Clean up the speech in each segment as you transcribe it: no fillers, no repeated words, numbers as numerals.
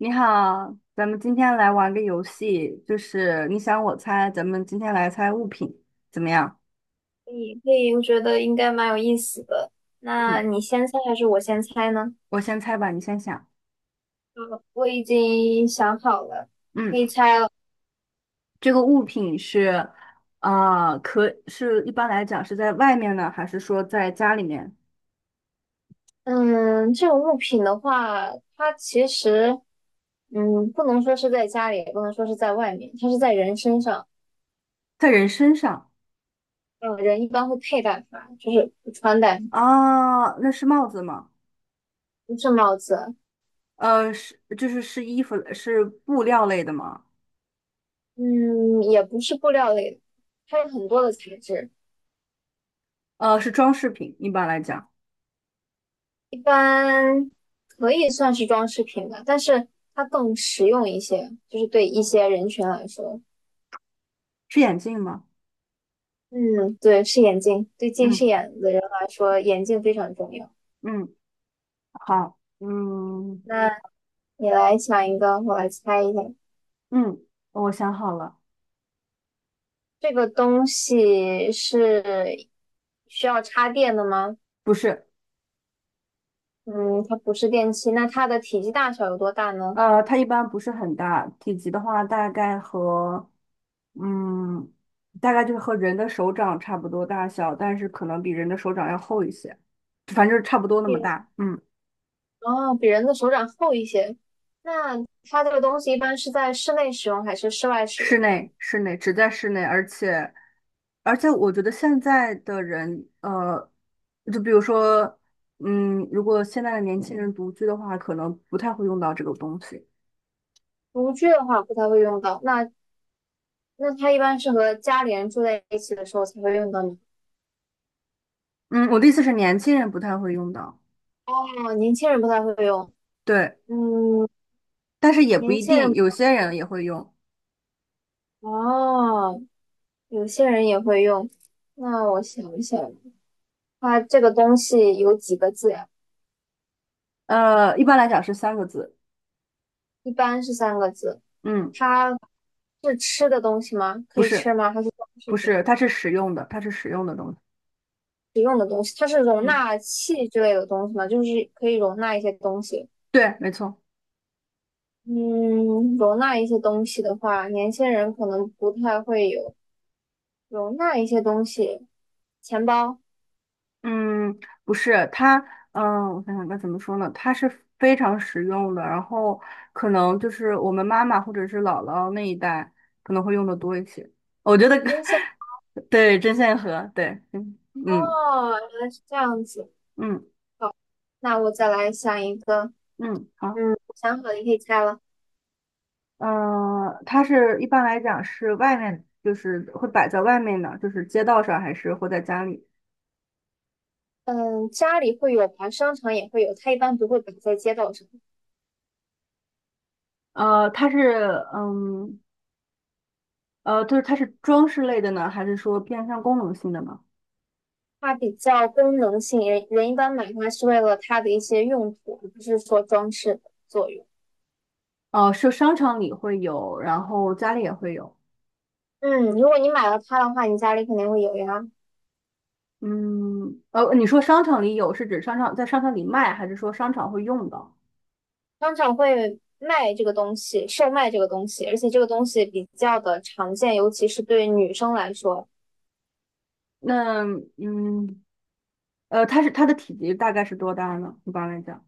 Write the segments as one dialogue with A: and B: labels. A: 你好，咱们今天来玩个游戏，就是你想我猜，咱们今天来猜物品，怎么样？
B: 可以可以，我觉得应该蛮有意思的。那
A: 嗯，
B: 你先猜还是我先猜呢？
A: 我先猜吧，你先想。
B: 我已经想好了，你
A: 嗯，
B: 可以猜了。
A: 这个物品是，啊，可是一般来讲是在外面呢，还是说在家里面，
B: 嗯，这种物品的话，它其实不能说是在家里，也不能说是在外面，它是在人身上。
A: 在人身上？
B: 嗯，人一般会佩戴它，就是穿戴，
A: 啊，那是帽子吗？
B: 不是帽子。
A: 是，就是衣服，是布料类的吗？
B: 嗯，也不是布料类的，它有很多的材质。
A: 是装饰品，一般来讲，
B: 一般可以算是装饰品吧，但是它更实用一些，就是对一些人群来说。
A: 是眼镜吗？
B: 嗯，对，是眼镜，对近
A: 嗯
B: 视眼的人来说，眼镜非常重要。
A: 嗯，好，嗯
B: 那你来想一个，我来猜一下，
A: 嗯，我想好了。
B: 这个东西是需要插电的吗？
A: 不是，
B: 嗯，它不是电器，那它的体积大小有多大呢？
A: 它一般不是很大，体积的话大概和，嗯，大概就是和人的手掌差不多大小，但是可能比人的手掌要厚一些，反正就是差不多那么
B: 比
A: 大。嗯，
B: 哦，比人的手掌厚一些。那它这个东西一般是在室内使用还是室外使
A: 室
B: 用？
A: 内，室内，只在室内，而且，我觉得现在的人，就比如说，如果现在的年轻人独居的话，可能不太会用到这个东西。
B: 独居的话不太会用到，那它一般是和家里人住在一起的时候才会用到呢。
A: 嗯，我的意思是年轻人不太会用到。
B: 哦，年轻人不太会用，
A: 对。
B: 嗯，
A: 但是也不
B: 年
A: 一
B: 轻人
A: 定，
B: 不
A: 有些
B: 太
A: 人
B: 会。
A: 也会用。
B: 哦，有些人也会用。那我想一想，它这个东西有几个字呀？
A: 一般来讲是三个字。
B: 一般是三个字。
A: 嗯，
B: 它是吃的东西吗？可
A: 不
B: 以吃
A: 是，
B: 吗？还是装饰
A: 不
B: 品？
A: 是，它是实用的，它是实用的东西。
B: 使用的东西？它是容
A: 嗯，
B: 纳器之类的东西吗？就是可以容纳一些东西。
A: 对，没错。
B: 嗯，容纳一些东西的话，年轻人可能不太会有容纳一些东西，钱包、
A: 嗯，不是，我想想该怎么说呢？它是非常实用的，然后可能就是我们妈妈或者是姥姥那一代可能会用的多一些。我觉得，
B: 边线。
A: 对，针线盒，对，嗯嗯
B: 哦，原来是这样子。
A: 嗯
B: 好，那我再来想一个。
A: 嗯，好。
B: 嗯，我想好了，你可以猜了。
A: 嗯，它是一般来讲是外面，就是会摆在外面呢，就是街道上还是会在家里？
B: 嗯，家里会有吧，商场也会有，它一般不会摆在街道上，
A: 呃，它是嗯呃，就是它是装饰类的呢，还是说偏向功能性的呢？
B: 它比较功能性，人人一般买它是为了它的一些用途，而不是说装饰的作用。
A: 哦、是商场里会有，然后家里也会有。
B: 嗯，如果你买了它的话，你家里肯定会有呀。
A: 嗯，你说商场里有是指商场在商场里卖，还是说商场会用到？
B: 商场会卖这个东西，售卖这个东西，而且这个东西比较的常见，尤其是对女生来说，
A: 那嗯，它的体积大概是多大呢？一般来讲，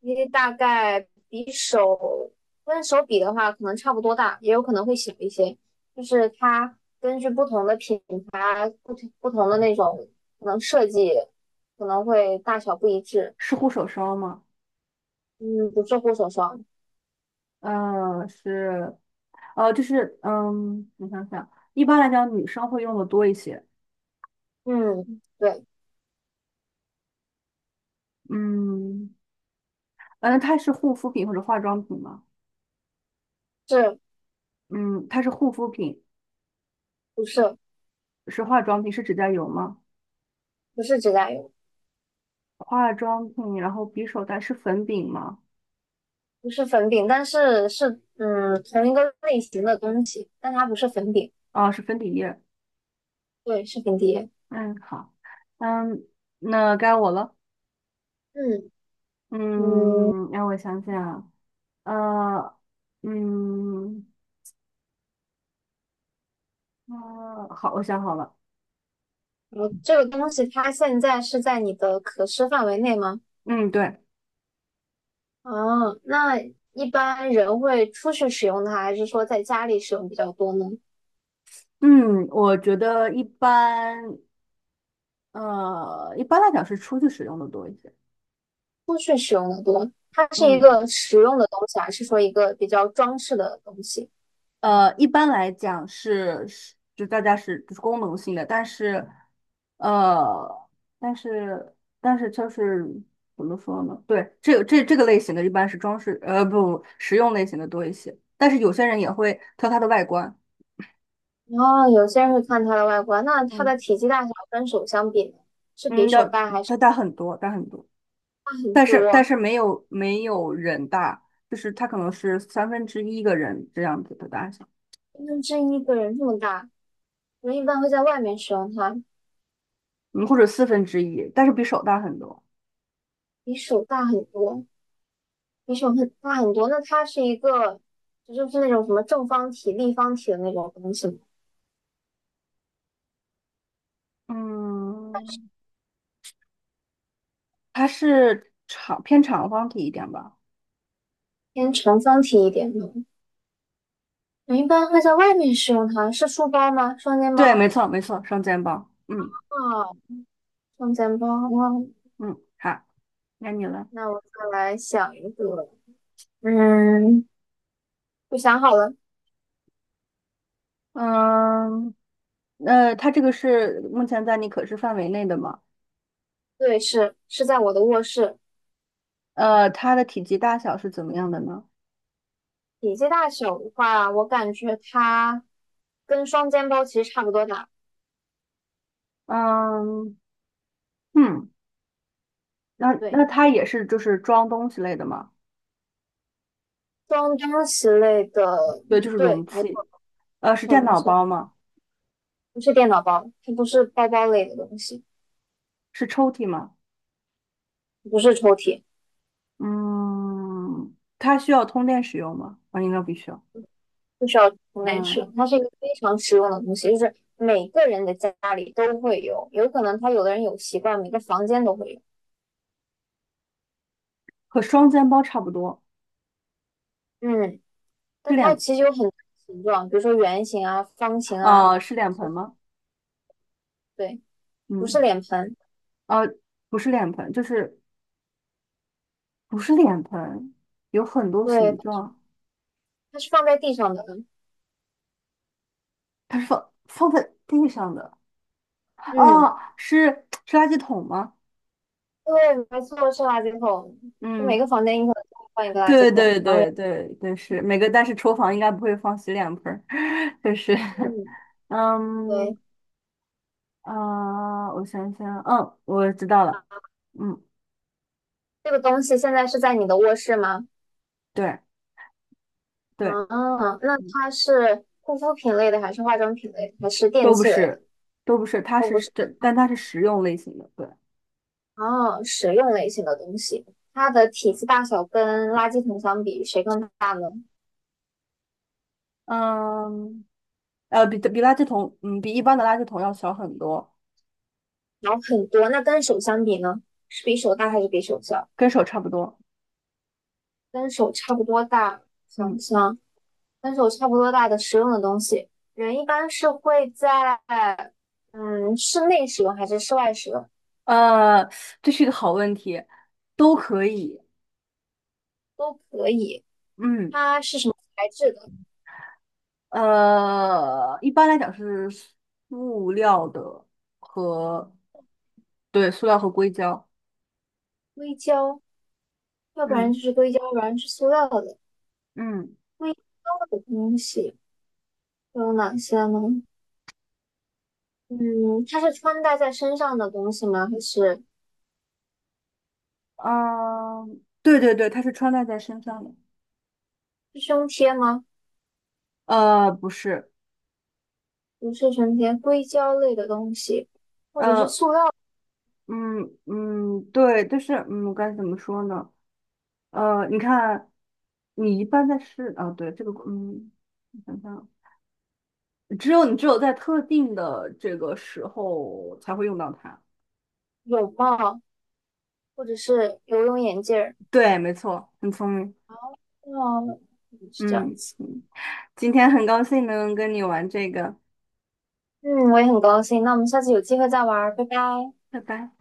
B: 因为大概比手跟手比的话，可能差不多大，也有可能会小一些。就是它根据不同的品牌、不同的那种可能设计，可能会大小不一致。
A: 是护手霜吗？
B: 嗯，不是护手霜，
A: 是。就是我想想，一般来讲女生会用的多一些。
B: 嗯，对，
A: 嗯，嗯，它是护肤品或者化妆品吗？
B: 是
A: 嗯，它是护肤品，
B: 不是
A: 是化妆品，是指甲油吗？
B: 不是指甲油？
A: 化妆品，然后匕首袋是粉饼吗？
B: 不是粉饼，但是是嗯同一个类型的东西，但它不是粉饼，
A: 啊，是粉底液。
B: 对，是粉碟。
A: 嗯，好，嗯，那该我了。
B: 嗯嗯，
A: 嗯，让我想想啊，呃，嗯，好，我想好了。
B: 我这个东西它现在是在你的可视范围内吗？
A: 嗯，对，
B: 啊，那一般人会出去使用它，还是说在家里使用比较多呢？
A: 嗯，我觉得一般来讲是出去使用的多一些。
B: 出去使用的多，它是一
A: 嗯，
B: 个实用的东西，还是说一个比较装饰的东西？
A: 一般来讲是就是功能性的，呃，但是但是就是怎么说呢？对，这个类型的一般是装饰，不，实用类型的多一些。但是有些人也会挑它的外观，
B: 哦，有些人会看它的外观，那它
A: 嗯
B: 的体积大小跟手相比呢，是比
A: 嗯，
B: 手大还是
A: 它大很多，大很多，
B: 很
A: 但是但
B: 多？
A: 是没有人大，就是它可能是三分之一个人这样子的大小。
B: 就真一个人这么大，人一般会在外面使用它，
A: 嗯，或者四分之一，但是比手大很多。
B: 比手大很多，比手很大很多。那它是一个，这就是那种什么正方体、立方体的那种东西吗？
A: 嗯，它是偏长方体一点吧？
B: 偏长方体一点的。人一般会在外面使用它，是书包吗？双肩
A: 对，没
B: 包
A: 错，没错，双肩包。嗯
B: 啊，双肩包哇。
A: 嗯，好，该你了。
B: 那我再来想一个，嗯，我想好了，
A: 嗯，它这个是目前在你可视范围内的吗？
B: 对，是在我的卧室。
A: 它的体积大小是怎么样的呢？
B: 体积大小的话，我感觉它跟双肩包其实差不多大，
A: 嗯嗯，那
B: 对。
A: 它也是就是装东西类的吗？
B: 装东西类的，
A: 对，就是
B: 对，
A: 容
B: 没错，
A: 器。
B: 没
A: 是
B: 错，
A: 电
B: 没
A: 脑
B: 错，
A: 包吗？
B: 不是电脑包，它不是包包类的东西，
A: 是抽屉吗？
B: 不是抽屉，
A: 嗯，它需要通电使用吗？啊，应该不需要。
B: 不需要从内
A: 嗯，
B: 吃，它是一个非常实用的东西，就是每个人的家里都会有，有可能他有的人有习惯，每个房间都会有，
A: 和双肩包差不多，
B: 嗯，
A: 是
B: 但它
A: 脸，
B: 其实有很多形状，比如说圆形啊、方形啊，
A: 是脸盆吗？
B: 对，不是
A: 嗯，
B: 脸盆，
A: 呃，不是脸盆，就是不是脸盆，有很多
B: 对，
A: 形状，
B: 它是放在地上的，
A: 它是放在地上的，
B: 嗯，
A: 哦，是垃圾桶吗？
B: 对，没错，是垃圾桶，就
A: 嗯，
B: 每个房间你可能都会放一个垃圾
A: 对
B: 桶，
A: 对
B: 然后
A: 对对对，是每个，但是厨房应该不会放洗脸盆儿，就是，
B: 嗯。
A: 嗯
B: 对，
A: 我想想，嗯，我知道了，嗯，
B: 这个东西现在是在你的卧室吗？
A: 对对，
B: 嗯，那它是护肤品类的，还是化妆品类的还是电
A: 都不
B: 器类的？
A: 是，都不是，它
B: 都
A: 是
B: 不是。
A: 这，但它是实用类型的，对，
B: 哦，实用类型的东西，它的体积大小跟垃圾桶相比，谁更大呢？
A: 嗯，比垃圾桶，比一般的垃圾桶要小很多，
B: 然后很多，那跟手相比呢？是比手大还是比手小？
A: 跟手差不多，
B: 跟手差不多大，
A: 嗯，
B: 想想跟手差不多大的实用的东西，人一般是会在嗯室内使用还是室外使用
A: 呃，这是一个好问题，都可以，
B: 都可以。
A: 嗯，
B: 它是什么材质的？
A: 一般来讲是塑料的和，对，塑料和硅胶，
B: 硅胶，要不然
A: 嗯
B: 就是硅胶，要不然是塑料的。
A: 嗯
B: 硅胶的东西都有哪些呢？嗯，它是穿戴在身上的东西吗？还是
A: 嗯，对对对，它是穿戴在身上的，
B: 是胸贴吗？
A: 不是。
B: 不是胸贴，硅胶类的东西，或者是
A: 呃，
B: 塑料
A: 嗯，对，就是该怎么说呢？你看，你一般在市啊，对这个，我想想啊，只有你只有在特定的这个时候才会用到它。
B: 泳帽，或者是游泳眼镜儿。
A: 对，没错，很聪明。
B: 哦，嗯是这样
A: 嗯
B: 子。
A: 嗯，今天很高兴能跟你玩这个，
B: 嗯，我也很高兴。那我们下次有机会再玩儿，拜拜。
A: 拜拜。